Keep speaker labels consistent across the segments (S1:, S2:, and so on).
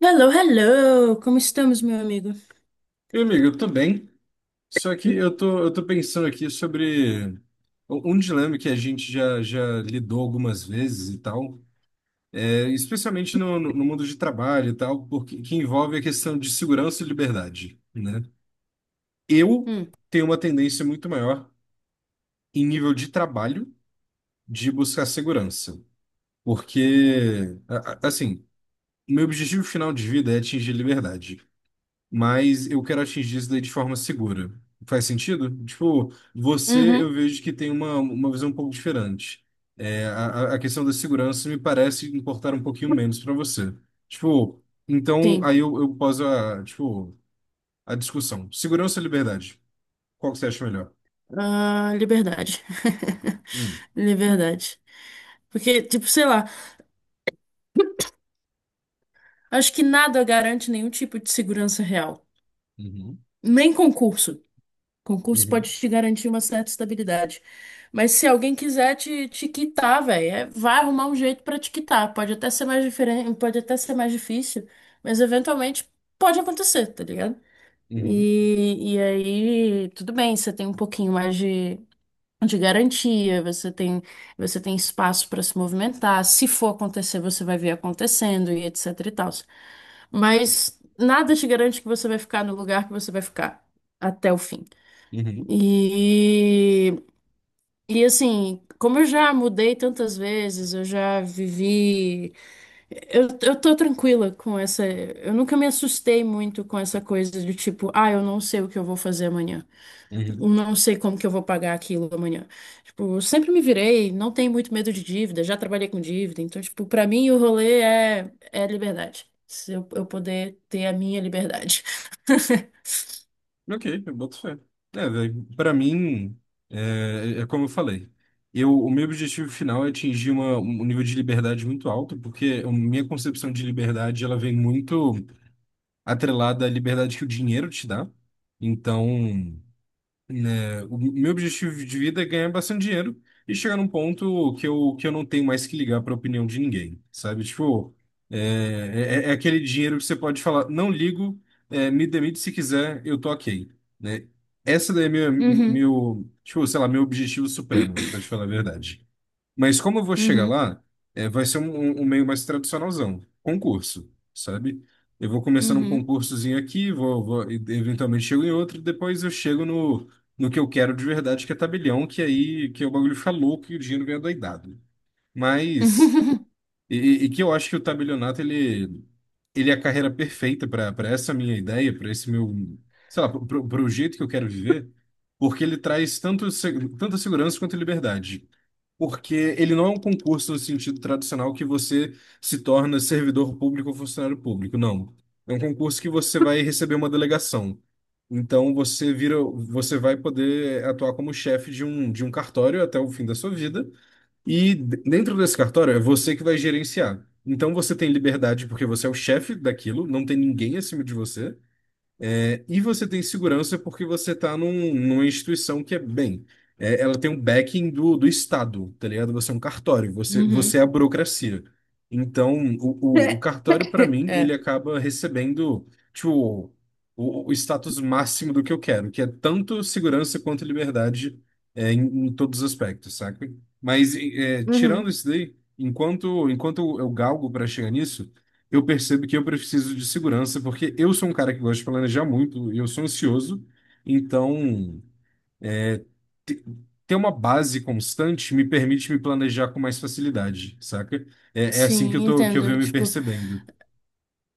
S1: Hello, hello! Como estamos, meu amigo?
S2: Meu amigo, eu tô bem, só que eu tô pensando aqui sobre um dilema que a gente já lidou algumas vezes e tal, especialmente no mundo de trabalho e tal, que envolve a questão de segurança e liberdade, né? Eu
S1: Hum.
S2: tenho uma tendência muito maior em nível de trabalho de buscar segurança, porque, assim, meu objetivo final de vida é atingir liberdade, mas eu quero atingir isso daí de forma segura. Faz sentido? Tipo, você eu
S1: Uhum.
S2: vejo que tem uma visão um pouco diferente. É, a, a questão da segurança me parece importar um pouquinho menos para você. Tipo, então
S1: Sim,
S2: aí eu poso a discussão. Segurança ou liberdade? Qual que você acha melhor?
S1: ah, liberdade.
S2: Hum,
S1: Liberdade. Porque, tipo, sei lá, acho que nada garante nenhum tipo de segurança real.
S2: uhum,
S1: Nem concurso. Concurso pode
S2: uhum,
S1: te garantir uma certa estabilidade. Mas se alguém quiser te quitar, velho, vai arrumar um jeito pra te quitar. Pode até ser mais diferente, pode até ser mais difícil, mas eventualmente pode acontecer, tá ligado?
S2: uhum,
S1: E aí, tudo bem, você tem um pouquinho mais de garantia, você tem espaço para se movimentar. Se for acontecer, você vai ver acontecendo e etc e tal. Mas nada te garante que você vai ficar no lugar que você vai ficar até o fim.
S2: uhum,
S1: E, e assim, como eu já mudei tantas vezes, eu já vivi. Eu tô tranquila com essa. Eu nunca me assustei muito com essa coisa de tipo, ah, eu não sei o que eu vou fazer amanhã um
S2: uhum.
S1: não sei como que eu vou pagar aquilo amanhã. Tipo, eu sempre me virei, não tenho muito medo de dívida, já trabalhei com dívida, então, tipo, pra mim o rolê é, é liberdade. Se eu poder ter a minha liberdade.
S2: Ok, eu boto fé. É, velho, pra mim, é, é como eu falei. O meu objetivo final é atingir um nível de liberdade muito alto, porque a minha concepção de liberdade, ela vem muito atrelada à liberdade que o dinheiro te dá. Então, né, o meu objetivo de vida é ganhar bastante dinheiro e chegar num ponto que eu não tenho mais que ligar para a opinião de ninguém, sabe? Tipo, é aquele dinheiro que você pode falar, não ligo, me demite se quiser, eu tô ok, né? Essa daí é
S1: Uhum,
S2: meu, tipo, sei lá, meu objetivo supremo, para te falar a verdade. Mas como eu vou chegar
S1: uhum,
S2: lá, é, vai ser um meio mais tradicionalzão, concurso, sabe? Eu vou começando um
S1: uhum,
S2: concursozinho aqui, eventualmente chego em outro, depois eu chego no que eu quero de verdade, que é tabelião, que aí que é o bagulho fica louco e o dinheiro vem adoidado. Mas, e, e que eu acho que o tabelionato, ele é a carreira perfeita para essa minha ideia, para esse meu, sei lá, para o jeito que eu quero viver, porque ele traz tanto, tanta segurança quanto liberdade, porque ele não é um concurso no sentido tradicional que você se torna servidor público ou funcionário público, não. É um concurso que você vai receber uma delegação. Então você vira, você vai poder atuar como chefe de um cartório até o fim da sua vida, e dentro desse cartório é você que vai gerenciar. Então você tem liberdade porque você é o chefe daquilo, não tem ninguém acima de você. É, e você tem segurança porque você está numa instituição que é bem. É, ela tem um backing do Estado, tá ligado? Você é um cartório, você
S1: uhum.
S2: é a burocracia. Então, o cartório, para mim, ele
S1: É.
S2: acaba recebendo, tipo, o status máximo do que eu quero, que é tanto segurança quanto liberdade, é, em, em todos os aspectos, saca? Mas, é, tirando
S1: Uhum.
S2: isso daí, enquanto eu galgo para chegar nisso, eu percebo que eu preciso de segurança, porque eu sou um cara que gosta de planejar muito e eu sou ansioso, então te- ter uma base constante me permite me planejar com mais facilidade, saca? É, é assim que
S1: Sim,
S2: que eu
S1: entendo.
S2: venho me
S1: Tipo,
S2: percebendo.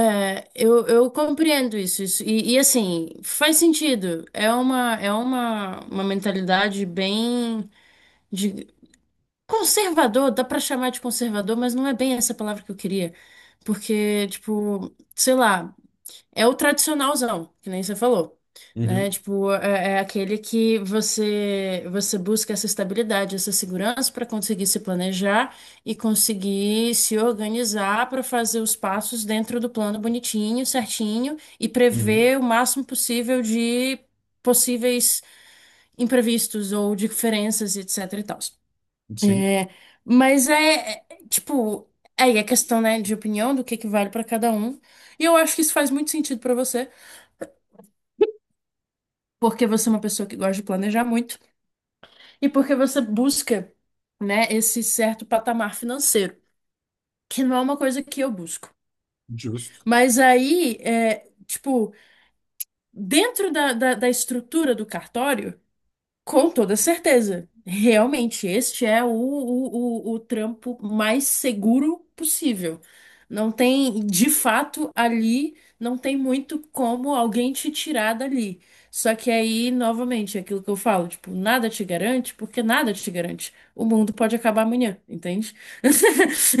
S1: é, eu compreendo isso, isso. E, assim, faz sentido. É uma mentalidade bem. Conservador, dá pra chamar de conservador, mas não é bem essa palavra que eu queria. Porque, tipo, sei lá, é o tradicionalzão, que nem você falou, né?
S2: Uhum,
S1: Tipo, é, é aquele que você busca essa estabilidade, essa segurança para conseguir se planejar e conseguir se organizar para fazer os passos dentro do plano bonitinho, certinho e
S2: uhum,
S1: prever o máximo possível de possíveis imprevistos ou diferenças, etc e tal.
S2: sim,
S1: Mas é, é, tipo, aí a questão, né, de opinião, do que vale pra cada um. E eu acho que isso faz muito sentido pra você, porque você é uma pessoa que gosta de planejar muito e porque você busca, né, esse certo patamar financeiro, que não é uma coisa que eu busco.
S2: justo.
S1: Mas aí, é, tipo, dentro da estrutura do cartório, com toda certeza. Realmente, este é o trampo mais seguro possível. Não tem, de fato, ali não tem muito como alguém te tirar dali. Só que aí, novamente, é aquilo que eu falo, tipo, nada te garante, porque nada te garante. O mundo pode acabar amanhã, entende?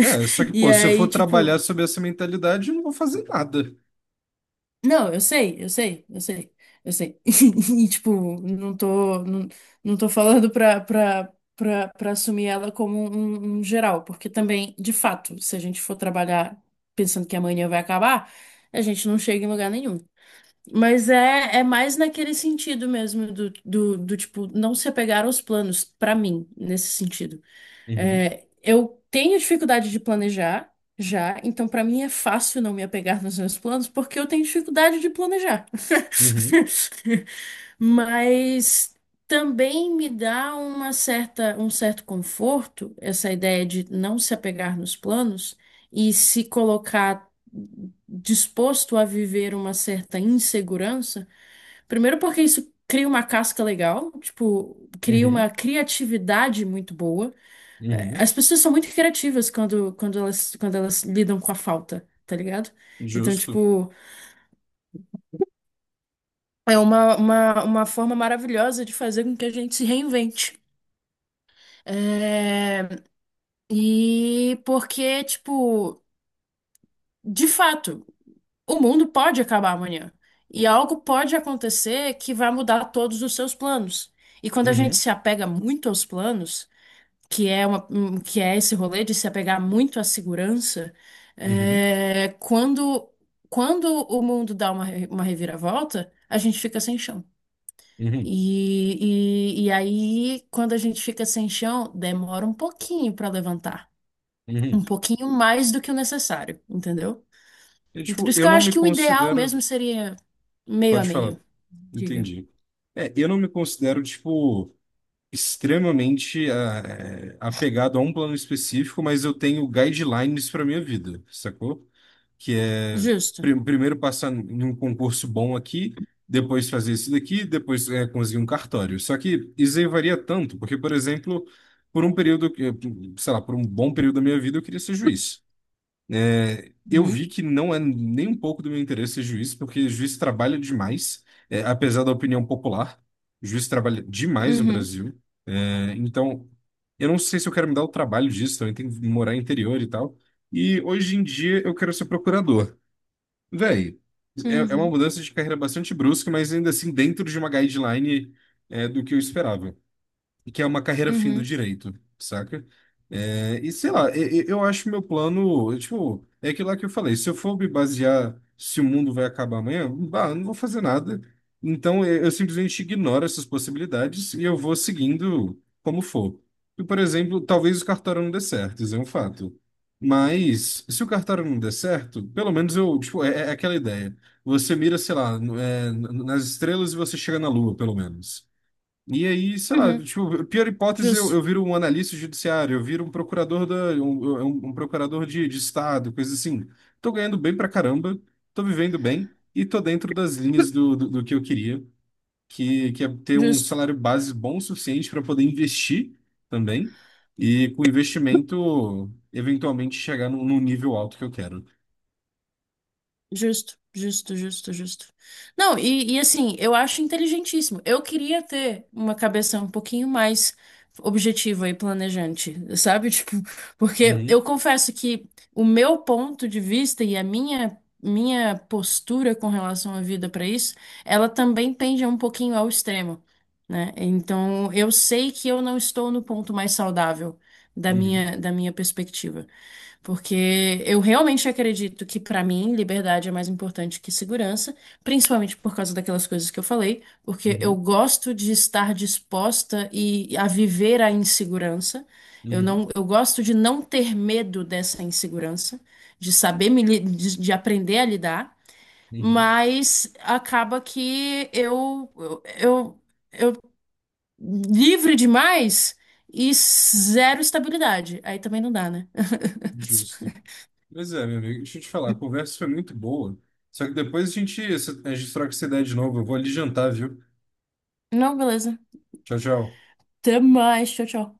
S2: É, só que,
S1: E
S2: pô, se eu for
S1: aí, tipo,
S2: trabalhar sob essa mentalidade, eu não vou fazer nada.
S1: não, eu sei, eu sei, eu sei, eu sei. E, tipo, não tô falando pra assumir ela como um geral, porque também, de fato, se a gente for trabalhar pensando que amanhã vai acabar, a gente não chega em lugar nenhum. Mas é, é mais naquele sentido mesmo, do tipo, não se apegar aos planos, pra mim, nesse sentido.
S2: Uhum,
S1: É, eu tenho dificuldade de planejar já, então pra mim é fácil não me apegar nos meus planos, porque eu tenho dificuldade de planejar.
S2: uhum,
S1: Mas também me dá uma certa, um certo conforto essa ideia de não se apegar nos planos e se colocar disposto a viver uma certa insegurança. Primeiro porque isso cria uma casca legal, tipo, cria uma
S2: uhum,
S1: criatividade muito boa é,
S2: uhum,
S1: as pessoas são muito criativas quando, quando elas lidam com a falta, tá ligado? Então,
S2: justo.
S1: tipo, é uma forma maravilhosa de fazer com que a gente se reinvente. É, e porque, tipo, de fato, o mundo pode acabar amanhã. E algo pode acontecer que vai mudar todos os seus planos. E quando a gente
S2: Uhum,
S1: se apega muito aos planos, que é uma, um, que é esse rolê de se apegar muito à segurança,
S2: uhum,
S1: é, quando, quando o mundo dá uma, uma reviravolta, a gente fica sem chão.
S2: uhum,
S1: E aí, quando a gente fica sem chão, demora um pouquinho para levantar.
S2: uhum.
S1: Um pouquinho mais do que o necessário, entendeu?
S2: E,
S1: Então, por
S2: tipo,
S1: isso
S2: eu
S1: que eu
S2: não
S1: acho
S2: me
S1: que o ideal
S2: considero.
S1: mesmo seria meio a
S2: Pode falar.
S1: meio, diga.
S2: Entendi. É, eu não me considero, tipo, extremamente apegado a um plano específico, mas eu tenho guidelines para minha vida, sacou? Que é
S1: Justo.
S2: primeiro passar em um concurso bom aqui, depois fazer isso daqui, depois conseguir um cartório. Só que isso aí varia tanto, porque, por exemplo, por um período, sei lá, por um bom período da minha vida, eu queria ser juiz. É, eu vi
S1: Uhum,
S2: que não é nem um pouco do meu interesse ser juiz, porque juiz trabalha demais, é, apesar da opinião popular. Juiz trabalha demais no
S1: uhum,
S2: Brasil. É, então, eu não sei se eu quero me dar o trabalho disso, também tenho que morar no interior e tal. E hoje em dia eu quero ser procurador. Véi, é uma
S1: uhum,
S2: mudança de carreira bastante brusca, mas ainda assim dentro de uma guideline, é, do que eu esperava, que é uma carreira fim do
S1: uhum,
S2: direito, saca? É, e sei lá, acho meu plano, tipo, é aquilo lá que eu falei, se eu for me basear se o mundo vai acabar amanhã, bah, eu não vou fazer nada. Então eu simplesmente ignoro essas possibilidades e eu vou seguindo como for. E, por exemplo, talvez o cartório não dê certo, isso é um fato. Mas se o cartório não der certo, pelo menos eu, tipo, é aquela ideia. Você mira, sei lá, nas estrelas e você chega na lua, pelo menos. E aí, sei lá,
S1: uhum.
S2: tipo, pior hipótese,
S1: Justo,
S2: eu viro um analista judiciário, eu viro um procurador da, um- um procurador de estado, coisa assim. Tô ganhando bem pra caramba, tô vivendo bem e tô dentro das linhas do que eu queria, que é ter um
S1: justo.
S2: salário base bom o suficiente para poder investir também e com investimento eventualmente chegar num nível alto que eu quero.
S1: Justo, justo, justo, justo. Não, e assim, eu acho inteligentíssimo. Eu queria ter uma cabeça um pouquinho mais objetiva e planejante, sabe? Tipo, porque
S2: Uhum,
S1: eu confesso que o meu ponto de vista e a minha postura com relação à vida para isso, ela também pende um pouquinho ao extremo, né? Então, eu sei que eu não estou no ponto mais saudável da
S2: uhum,
S1: minha perspectiva. Porque eu realmente acredito que, para mim, liberdade é mais importante que segurança, principalmente por causa daquelas coisas que eu falei, porque eu
S2: uhum,
S1: gosto de estar disposta e a viver a insegurança. Eu
S2: uhum,
S1: não, eu gosto de não ter medo dessa insegurança, de saber me, de aprender a lidar,
S2: uhum.
S1: mas acaba que eu livre demais e zero estabilidade. Aí também não dá, né?
S2: Justo. Pois é, meu amigo, deixa eu te falar, a conversa foi muito boa. Só que depois a gente troca essa ideia de novo. Eu vou ali jantar, viu?
S1: Não, beleza.
S2: Tchau, tchau.
S1: Até mais. Tchau, tchau.